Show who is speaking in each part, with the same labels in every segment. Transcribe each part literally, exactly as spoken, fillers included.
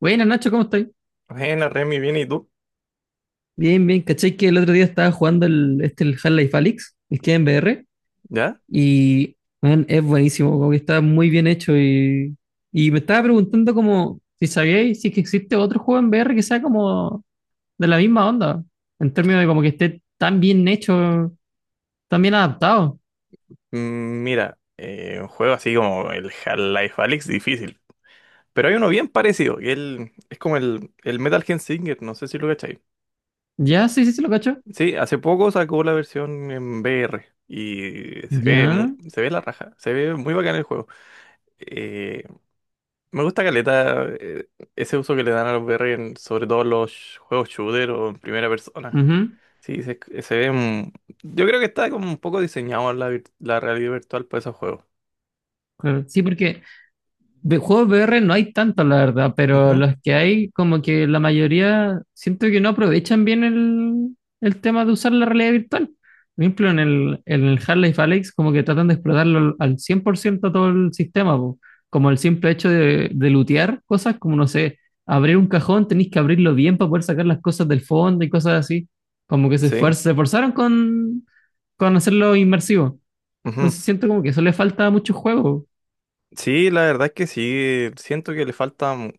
Speaker 1: Bueno, Nacho, ¿cómo estás?
Speaker 2: Bueno, Remy, bien, ¿y tú?
Speaker 1: Bien, bien. ¿Cachai que el otro día estaba jugando el, este, el Half-Life Alyx, el que en V R,
Speaker 2: ¿Ya?
Speaker 1: y man, es buenísimo, como que está muy bien hecho? Y, y me estaba preguntando como si sabíais si es que existe otro juego en V R que sea como de la misma onda, en términos de como que esté tan bien hecho, tan bien adaptado.
Speaker 2: Mm, Mira, eh, un juego así como el Half-Life Alyx, difícil. Pero hay uno bien parecido, que el- es como el, el Metal Gear Singer, no sé si lo cacháis.
Speaker 1: Ya, sí, sí, se lo cacho.
Speaker 2: Sí, hace poco sacó la versión en V R y se ve,
Speaker 1: Ya.
Speaker 2: mu- se ve la raja, se ve muy bacán el juego. Eh, me gusta caleta eh, ese uso que le dan a los V R, en- sobre todo los juegos shooter o en primera persona.
Speaker 1: Ujú.
Speaker 2: Sí, se, se ve... mm, yo creo que está como un poco diseñado la, vir- la realidad virtual para esos juegos.
Speaker 1: Claro. Sí, porque de juegos V R no hay tantos, la verdad, pero
Speaker 2: Ujú.
Speaker 1: los que hay, como que la mayoría, siento que no aprovechan bien el, el tema de usar la realidad virtual. Por ejemplo, en el, en el Half-Life Alyx, como que tratan de explotarlo al al cien por ciento todo el sistema, po. Como el simple hecho de, de lootear cosas, como no sé, abrir un cajón, tenéis que abrirlo bien para poder sacar las cosas del fondo y cosas así. Como que se
Speaker 2: Sí,
Speaker 1: esfuer- se esforzaron con, con hacerlo inmersivo.
Speaker 2: ujú.
Speaker 1: Entonces siento como que eso le falta a muchos juegos.
Speaker 2: Sí, la verdad es que sí, siento que le falta un-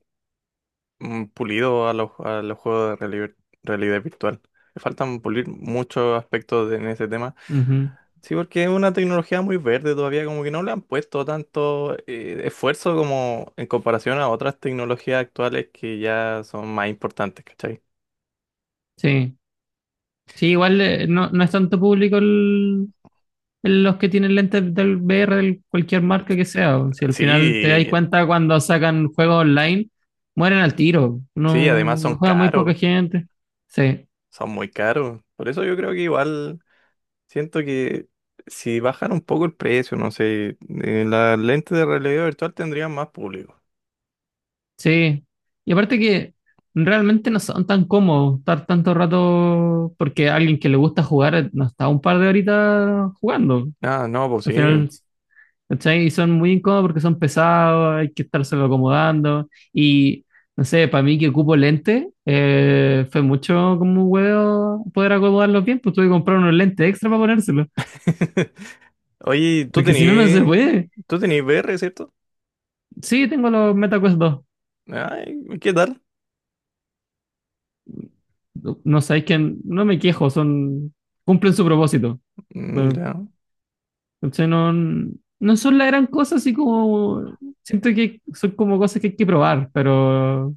Speaker 2: un pulido a los, a los juegos de reali- realidad virtual. Le faltan pulir muchos aspectos de- en ese tema.
Speaker 1: Ujú.
Speaker 2: Sí, porque es una tecnología muy verde todavía, como que no le han puesto tanto eh, esfuerzo como en comparación a otras tecnologías actuales que ya son más importantes, ¿cachai?
Speaker 1: Sí. Sí, igual eh, no, no es tanto público el, el- los que tienen lentes del V R, de cualquier marca que sea, o si al final te das
Speaker 2: Sí,
Speaker 1: cuenta cuando sacan juegos online, mueren al tiro.
Speaker 2: sí, además
Speaker 1: No
Speaker 2: son
Speaker 1: lo juega muy poca
Speaker 2: caros,
Speaker 1: gente. Sí,
Speaker 2: son muy caros. Por eso yo creo que igual... Siento que si bajan un poco el precio, no sé, eh, las lentes de realidad virtual tendrían más público.
Speaker 1: sí. Y aparte que realmente no son tan cómodos estar tanto rato, porque alguien que le gusta jugar eh, no está un par de horitas jugando.
Speaker 2: Ah, no, pues
Speaker 1: Al
Speaker 2: sí.
Speaker 1: final, ¿cachai? Y son muy incómodos porque son pesados, hay que estárselo acomodando. Y no sé, para mí que ocupo lentes eh, fue mucho como un huevo poder acomodarlos bien, pues tuve que comprar unos lentes extra para ponérselos,
Speaker 2: Oye, tú
Speaker 1: porque si no, no se
Speaker 2: tenías,
Speaker 1: puede.
Speaker 2: tú tenías V R, ¿cierto?
Speaker 1: Sí, tengo los MetaQuest dos.
Speaker 2: Ay, ¿qué tal?
Speaker 1: No, no sabéis que no me quejo, son cumplen su propósito.
Speaker 2: Mm,
Speaker 1: Pero,
Speaker 2: ya.
Speaker 1: ¿cachai? No, no son la gran cosa, así como siento que son como cosas que hay que probar, pero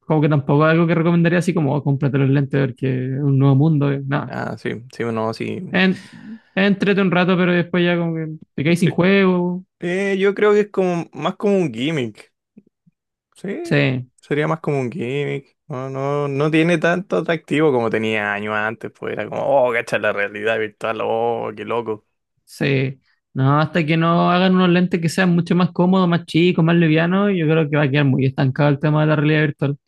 Speaker 1: como que tampoco es algo que recomendaría así como, oh, cómprate los lentes porque es un nuevo mundo, eh, nada.
Speaker 2: Ah, sí, sí, no, sí.
Speaker 1: En, entrete un rato, pero después ya como que te caes sin juego.
Speaker 2: Eh, yo creo que es como más como un gimmick. Sí,
Speaker 1: Sí,
Speaker 2: sería más como un gimmick. No, no, no tiene tanto atractivo como tenía años antes, pues era como, oh, cacha la realidad virtual, oh, qué loco.
Speaker 1: sí. No, hasta que no hagan unos lentes que sean mucho más cómodos, más chicos, más livianos, yo creo que va a quedar muy estancado el tema de la realidad virtual.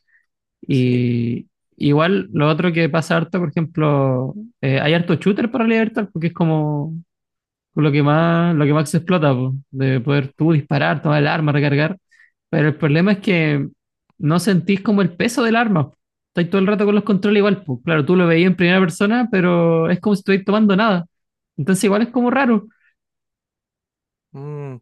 Speaker 2: Sí.
Speaker 1: Y igual lo otro que pasa harto, por ejemplo, eh, hay harto shooter para realidad virtual porque es como con lo que más, lo que más se explota, po, de poder tú disparar, tomar el arma, recargar. Pero el problema es que no sentís como el peso del arma, po. Estás todo el rato con los controles igual, po. Claro, tú lo veías en primera persona, pero es como si estuvieras tomando nada. Entonces igual es como raro.
Speaker 2: Mm.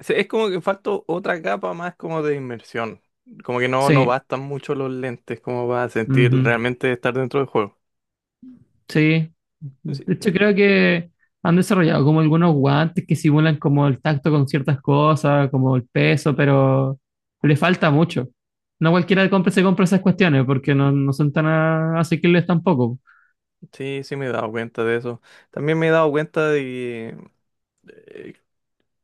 Speaker 2: Sí, es como que falta otra capa más como de inmersión. Como que no, no
Speaker 1: Sí.
Speaker 2: bastan mucho los lentes como para sentir
Speaker 1: Ujú.
Speaker 2: realmente estar dentro del juego.
Speaker 1: Sí,
Speaker 2: Sí,
Speaker 1: de hecho creo que han desarrollado como algunos guantes que simulan como el tacto con ciertas cosas, como el peso, pero le falta mucho. No cualquiera compra, se compra esas cuestiones porque no, no son tan a- asequibles tampoco.
Speaker 2: sí, sí me he dado cuenta de eso. También me he dado cuenta de que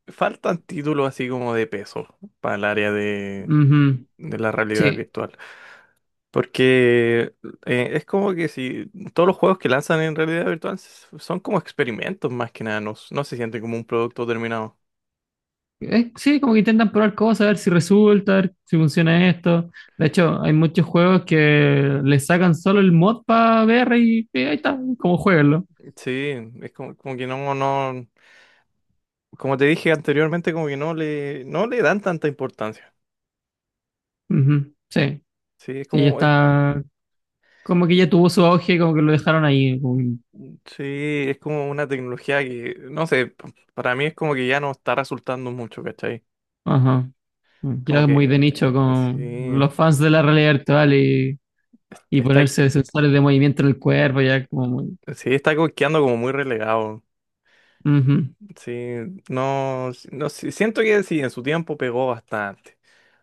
Speaker 2: eh, faltan títulos así como de peso para el área de,
Speaker 1: Ujú.
Speaker 2: de la realidad
Speaker 1: Sí.
Speaker 2: virtual. Porque eh, es como que si todos los juegos que lanzan en realidad virtual s- son como experimentos más que nada, no, no se siente como un producto terminado.
Speaker 1: Eh, sí, como que intentan probar cosas, a ver si resulta, a ver si funciona esto. De hecho, hay muchos juegos que le sacan solo el mod para V R y, eh, ahí está, como jueguenlo.
Speaker 2: Sí, es como, como que no, no, como te dije anteriormente, como que no le, no le dan tanta importancia.
Speaker 1: Ujú. Sí,
Speaker 2: Sí, es
Speaker 1: sí, ya
Speaker 2: como, es,
Speaker 1: está. Como que ya tuvo su auge, como que lo dejaron ahí. Como que-.
Speaker 2: sí, es como una tecnología que, no sé, p- para mí es como que ya no está resultando mucho, ¿cachai?
Speaker 1: Ajá.
Speaker 2: Como
Speaker 1: Ya es
Speaker 2: que,
Speaker 1: muy de nicho
Speaker 2: eh,
Speaker 1: con
Speaker 2: sí,
Speaker 1: los fans de la realidad virtual y, y
Speaker 2: está,
Speaker 1: ponerse sensores de movimiento en el cuerpo, ya como muy.
Speaker 2: sí, está co- quedando como muy relegado.
Speaker 1: Ujú.
Speaker 2: Sí, no, no, sí, siento que sí, en su tiempo pegó bastante,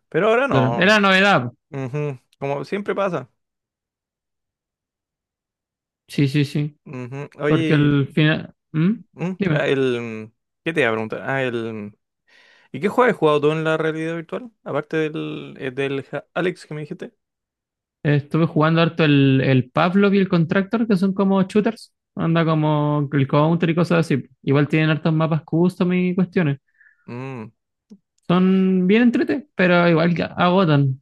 Speaker 2: pero ahora
Speaker 1: Claro.
Speaker 2: no.
Speaker 1: Era novedad.
Speaker 2: Ujú. Como siempre pasa.
Speaker 1: Sí, sí, sí.
Speaker 2: Ujú.
Speaker 1: Porque al
Speaker 2: Oye.
Speaker 1: final. ¿Mm?
Speaker 2: Mm, ah,
Speaker 1: Dime.
Speaker 2: El, ¿qué te iba a preguntar? Ah, el, ¿y qué juego has jugado tú en la realidad virtual? Aparte del, eh, del Ja- Alex que me dijiste.
Speaker 1: Estuve jugando harto el, el Pavlov y el Contractor, que son como shooters. Anda como el Counter y cosas así. Igual tienen hartos mapas custom y cuestiones.
Speaker 2: Mm,
Speaker 1: Son bien entrete, pero igual que agotan.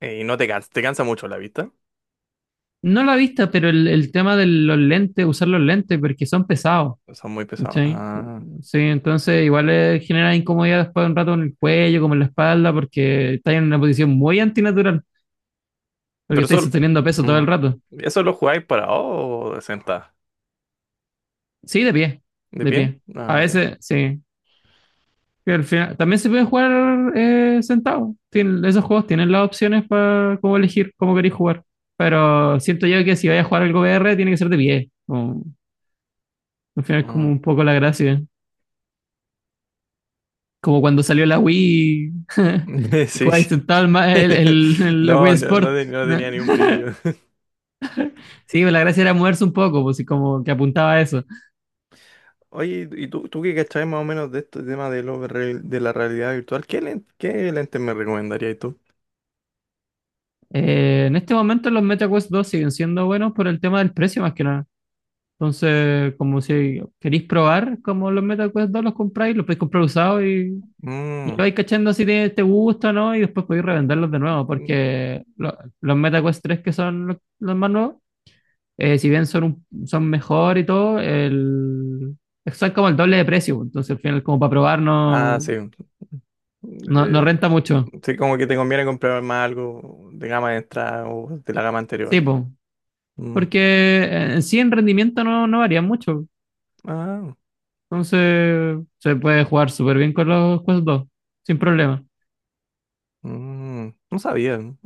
Speaker 2: eh, y no te cansa, te cansa mucho la vista.
Speaker 1: No la vista, pero el, el tema de los lentes, usar los lentes, porque son pesados.
Speaker 2: Son muy pesados.
Speaker 1: ¿Cachai?
Speaker 2: Ah,
Speaker 1: Sí, entonces igual eh, genera incomodidad después de un rato en el cuello, como en la espalda, porque estáis en una posición muy antinatural, porque
Speaker 2: pero eso,
Speaker 1: estáis sosteniendo peso todo
Speaker 2: mm,
Speaker 1: el rato.
Speaker 2: ¿eso lo jugáis parado o de sentado?
Speaker 1: Sí, de pie,
Speaker 2: ¿De
Speaker 1: de
Speaker 2: pie?
Speaker 1: pie. A
Speaker 2: Ah, ya.
Speaker 1: veces, sí. Pero al final, también se puede jugar eh, sentado. Tien- esos juegos tienen las opciones para cómo elegir cómo queréis jugar. Pero siento yo que si vais a jugar algo V R, tiene que ser de pie. Como-, al final es como
Speaker 2: Mm.
Speaker 1: un poco la gracia. Como cuando salió la Wii,
Speaker 2: Sí.
Speaker 1: jugáis sentado el, ma- el, el- el Wii
Speaker 2: No, no, no,
Speaker 1: Sport.
Speaker 2: te- no
Speaker 1: ¿No?
Speaker 2: tenía ni un brillo.
Speaker 1: Sí, pues, la gracia era moverse un poco, pues y como que apuntaba a eso.
Speaker 2: Oye, ¿y tú, tú qué cachabas más o menos de este tema de, lo real- de la realidad virtual? ¿Qué, len- qué lente me recomendarías tú?
Speaker 1: Eh, en este momento los Meta Quest dos siguen siendo buenos por el tema del precio más que nada. Entonces, como si queréis probar como los Meta Quest dos los compráis, los podéis comprar usados y, y lo
Speaker 2: Mm.
Speaker 1: vais cachando si te, te gusta o no y después podéis revenderlos de nuevo porque lo- los Meta Quest tres que son los los más nuevos eh, si bien son, un- son mejor y todo, el, son como el doble de precio, pues. Entonces, al final, como para probar,
Speaker 2: Ah,
Speaker 1: no,
Speaker 2: sí. Mm.
Speaker 1: no, no
Speaker 2: Eh,
Speaker 1: renta mucho.
Speaker 2: sí, como que te conviene comprar más algo de gama extra o de la gama anterior.
Speaker 1: Sí, po.
Speaker 2: Mm.
Speaker 1: Porque eh, en sí en rendimiento no, no varía mucho.
Speaker 2: Ah,
Speaker 1: Entonces, se puede jugar súper bien con los Quest dos sin problema.
Speaker 2: mm, no sabía. Mm.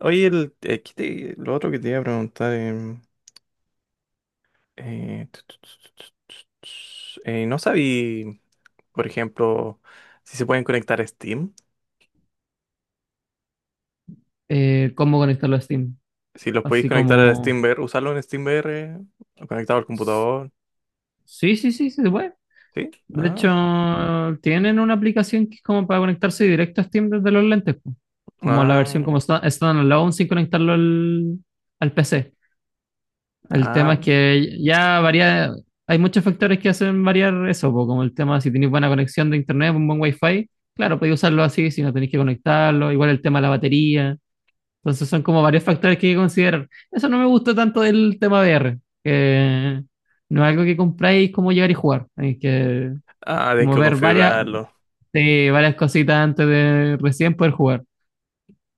Speaker 2: Oye, el, eh, ¿qué te- lo otro que te iba a preguntar, em, eh, tu, tu, tu, tu, tu, tu, eh, no sabía, por ejemplo, si se pueden conectar a Steam.
Speaker 1: Eh, cómo conectarlo a Steam.
Speaker 2: Si los podéis
Speaker 1: Así
Speaker 2: conectar a
Speaker 1: como.
Speaker 2: SteamVR, usarlo en SteamVR, o conectado al computador.
Speaker 1: Sí, sí, sí, sí, se puede.
Speaker 2: ¿Sí?
Speaker 1: De
Speaker 2: Ah,
Speaker 1: hecho, tienen una aplicación que es como para conectarse directo a Steam desde los lentes, po. Como la versión
Speaker 2: ah,
Speaker 1: como sta- standalone sin conectarlo al, al P C. El tema
Speaker 2: ah,
Speaker 1: es que ya varía, hay muchos factores que hacen variar eso, po, como el tema si tenéis buena conexión de internet, un buen wifi, claro, podéis usarlo así si no tenéis que conectarlo, igual el tema de la batería. Entonces son como varios factores que hay que considerar. Eso no me gusta tanto del tema V R, que no es algo que compráis como llegar y jugar, hay que
Speaker 2: ah, tienes
Speaker 1: como
Speaker 2: que
Speaker 1: ver varias,
Speaker 2: configurarlo.
Speaker 1: sí, varias cositas antes de recién poder jugar.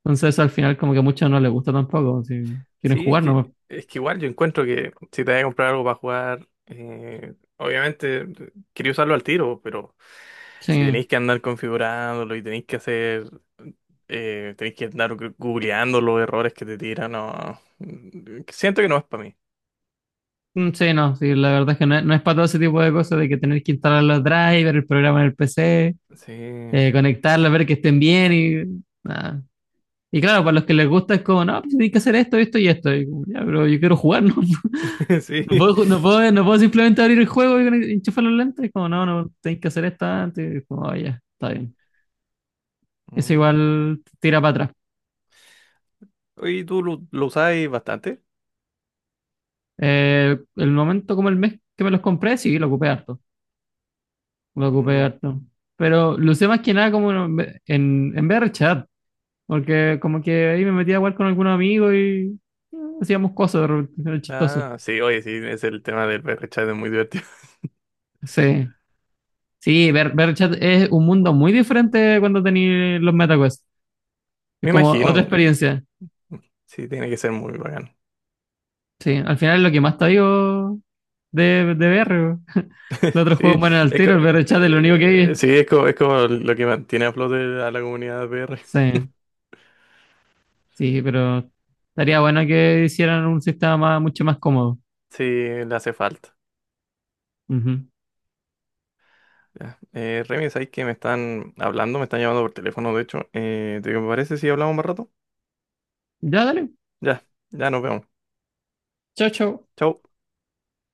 Speaker 1: Entonces eso al final como que a muchos no les gusta tampoco. Si quieren
Speaker 2: Sí, es
Speaker 1: jugar,
Speaker 2: que,
Speaker 1: no.
Speaker 2: es que igual yo encuentro que si te vas a comprar algo para jugar, eh, obviamente eh, quería usarlo al tiro, pero si tenéis
Speaker 1: Sí.
Speaker 2: que andar configurándolo y tenéis que hacer, eh, tenéis que andar gu- googleando los errores que te tiran, no, mm, eh, siento que no es para mí.
Speaker 1: Mm, sí, no, sí, la verdad es que no, no es para todo ese tipo de cosas de que tener que instalar los drivers, el programa en el P C,
Speaker 2: Sí,
Speaker 1: eh, conectarlos, ver que estén bien y nada. Y claro, para los que les gusta es como, no, pues tienes que hacer esto, esto y esto. Y como, ya, pero yo quiero jugar, no, no
Speaker 2: sí.
Speaker 1: puedo, ju- no puedo, no puedo simplemente abrir el juego y conect- enchufar los lentes. Y como, no, no, tenéis que hacer esto antes. Y como, "Ah, ya, está bien." Eso
Speaker 2: Mm.
Speaker 1: igual tira para atrás.
Speaker 2: Oye, ¿y ¿tú lo, lo usáis bastante?
Speaker 1: Eh, el momento como el mes que me los compré, sí, lo ocupé harto. Lo ocupé
Speaker 2: Mm.
Speaker 1: harto. Pero lo usé más que nada como en, en, en V R chat. Porque como que ahí me metía a jugar con algún amigo y eh, hacíamos cosas de repente, era chistoso.
Speaker 2: Ah, sí, oye, sí, es el tema del chat es muy divertido.
Speaker 1: Sí. Sí, V R, V R chat es un mundo muy diferente cuando tenéis los MetaQuest. Es
Speaker 2: Me
Speaker 1: como otra
Speaker 2: imagino,
Speaker 1: experiencia.
Speaker 2: mm, sí, tiene que ser muy bacán.
Speaker 1: Sí, al final es lo que más te digo de, de V R. Los otros
Speaker 2: Sí,
Speaker 1: juegos mueren al
Speaker 2: es, co-
Speaker 1: tiro, el
Speaker 2: eh,
Speaker 1: V R chat es lo único que
Speaker 2: eh,
Speaker 1: hay.
Speaker 2: sí, es, co- es como lo que mantiene a flote a la comunidad de P R.
Speaker 1: Sí. Sí, pero estaría bueno que hicieran un sistema más- mucho más cómodo.
Speaker 2: Sí, le hace falta.
Speaker 1: Ujú.
Speaker 2: Ya. Eh, Remy, ¿sabes que me están hablando? Me están llamando por teléfono, de hecho. Eh, ¿te parece si hablamos más rato?
Speaker 1: Ya, dale.
Speaker 2: Ya, ya nos vemos.
Speaker 1: Chao, chao.
Speaker 2: Chau.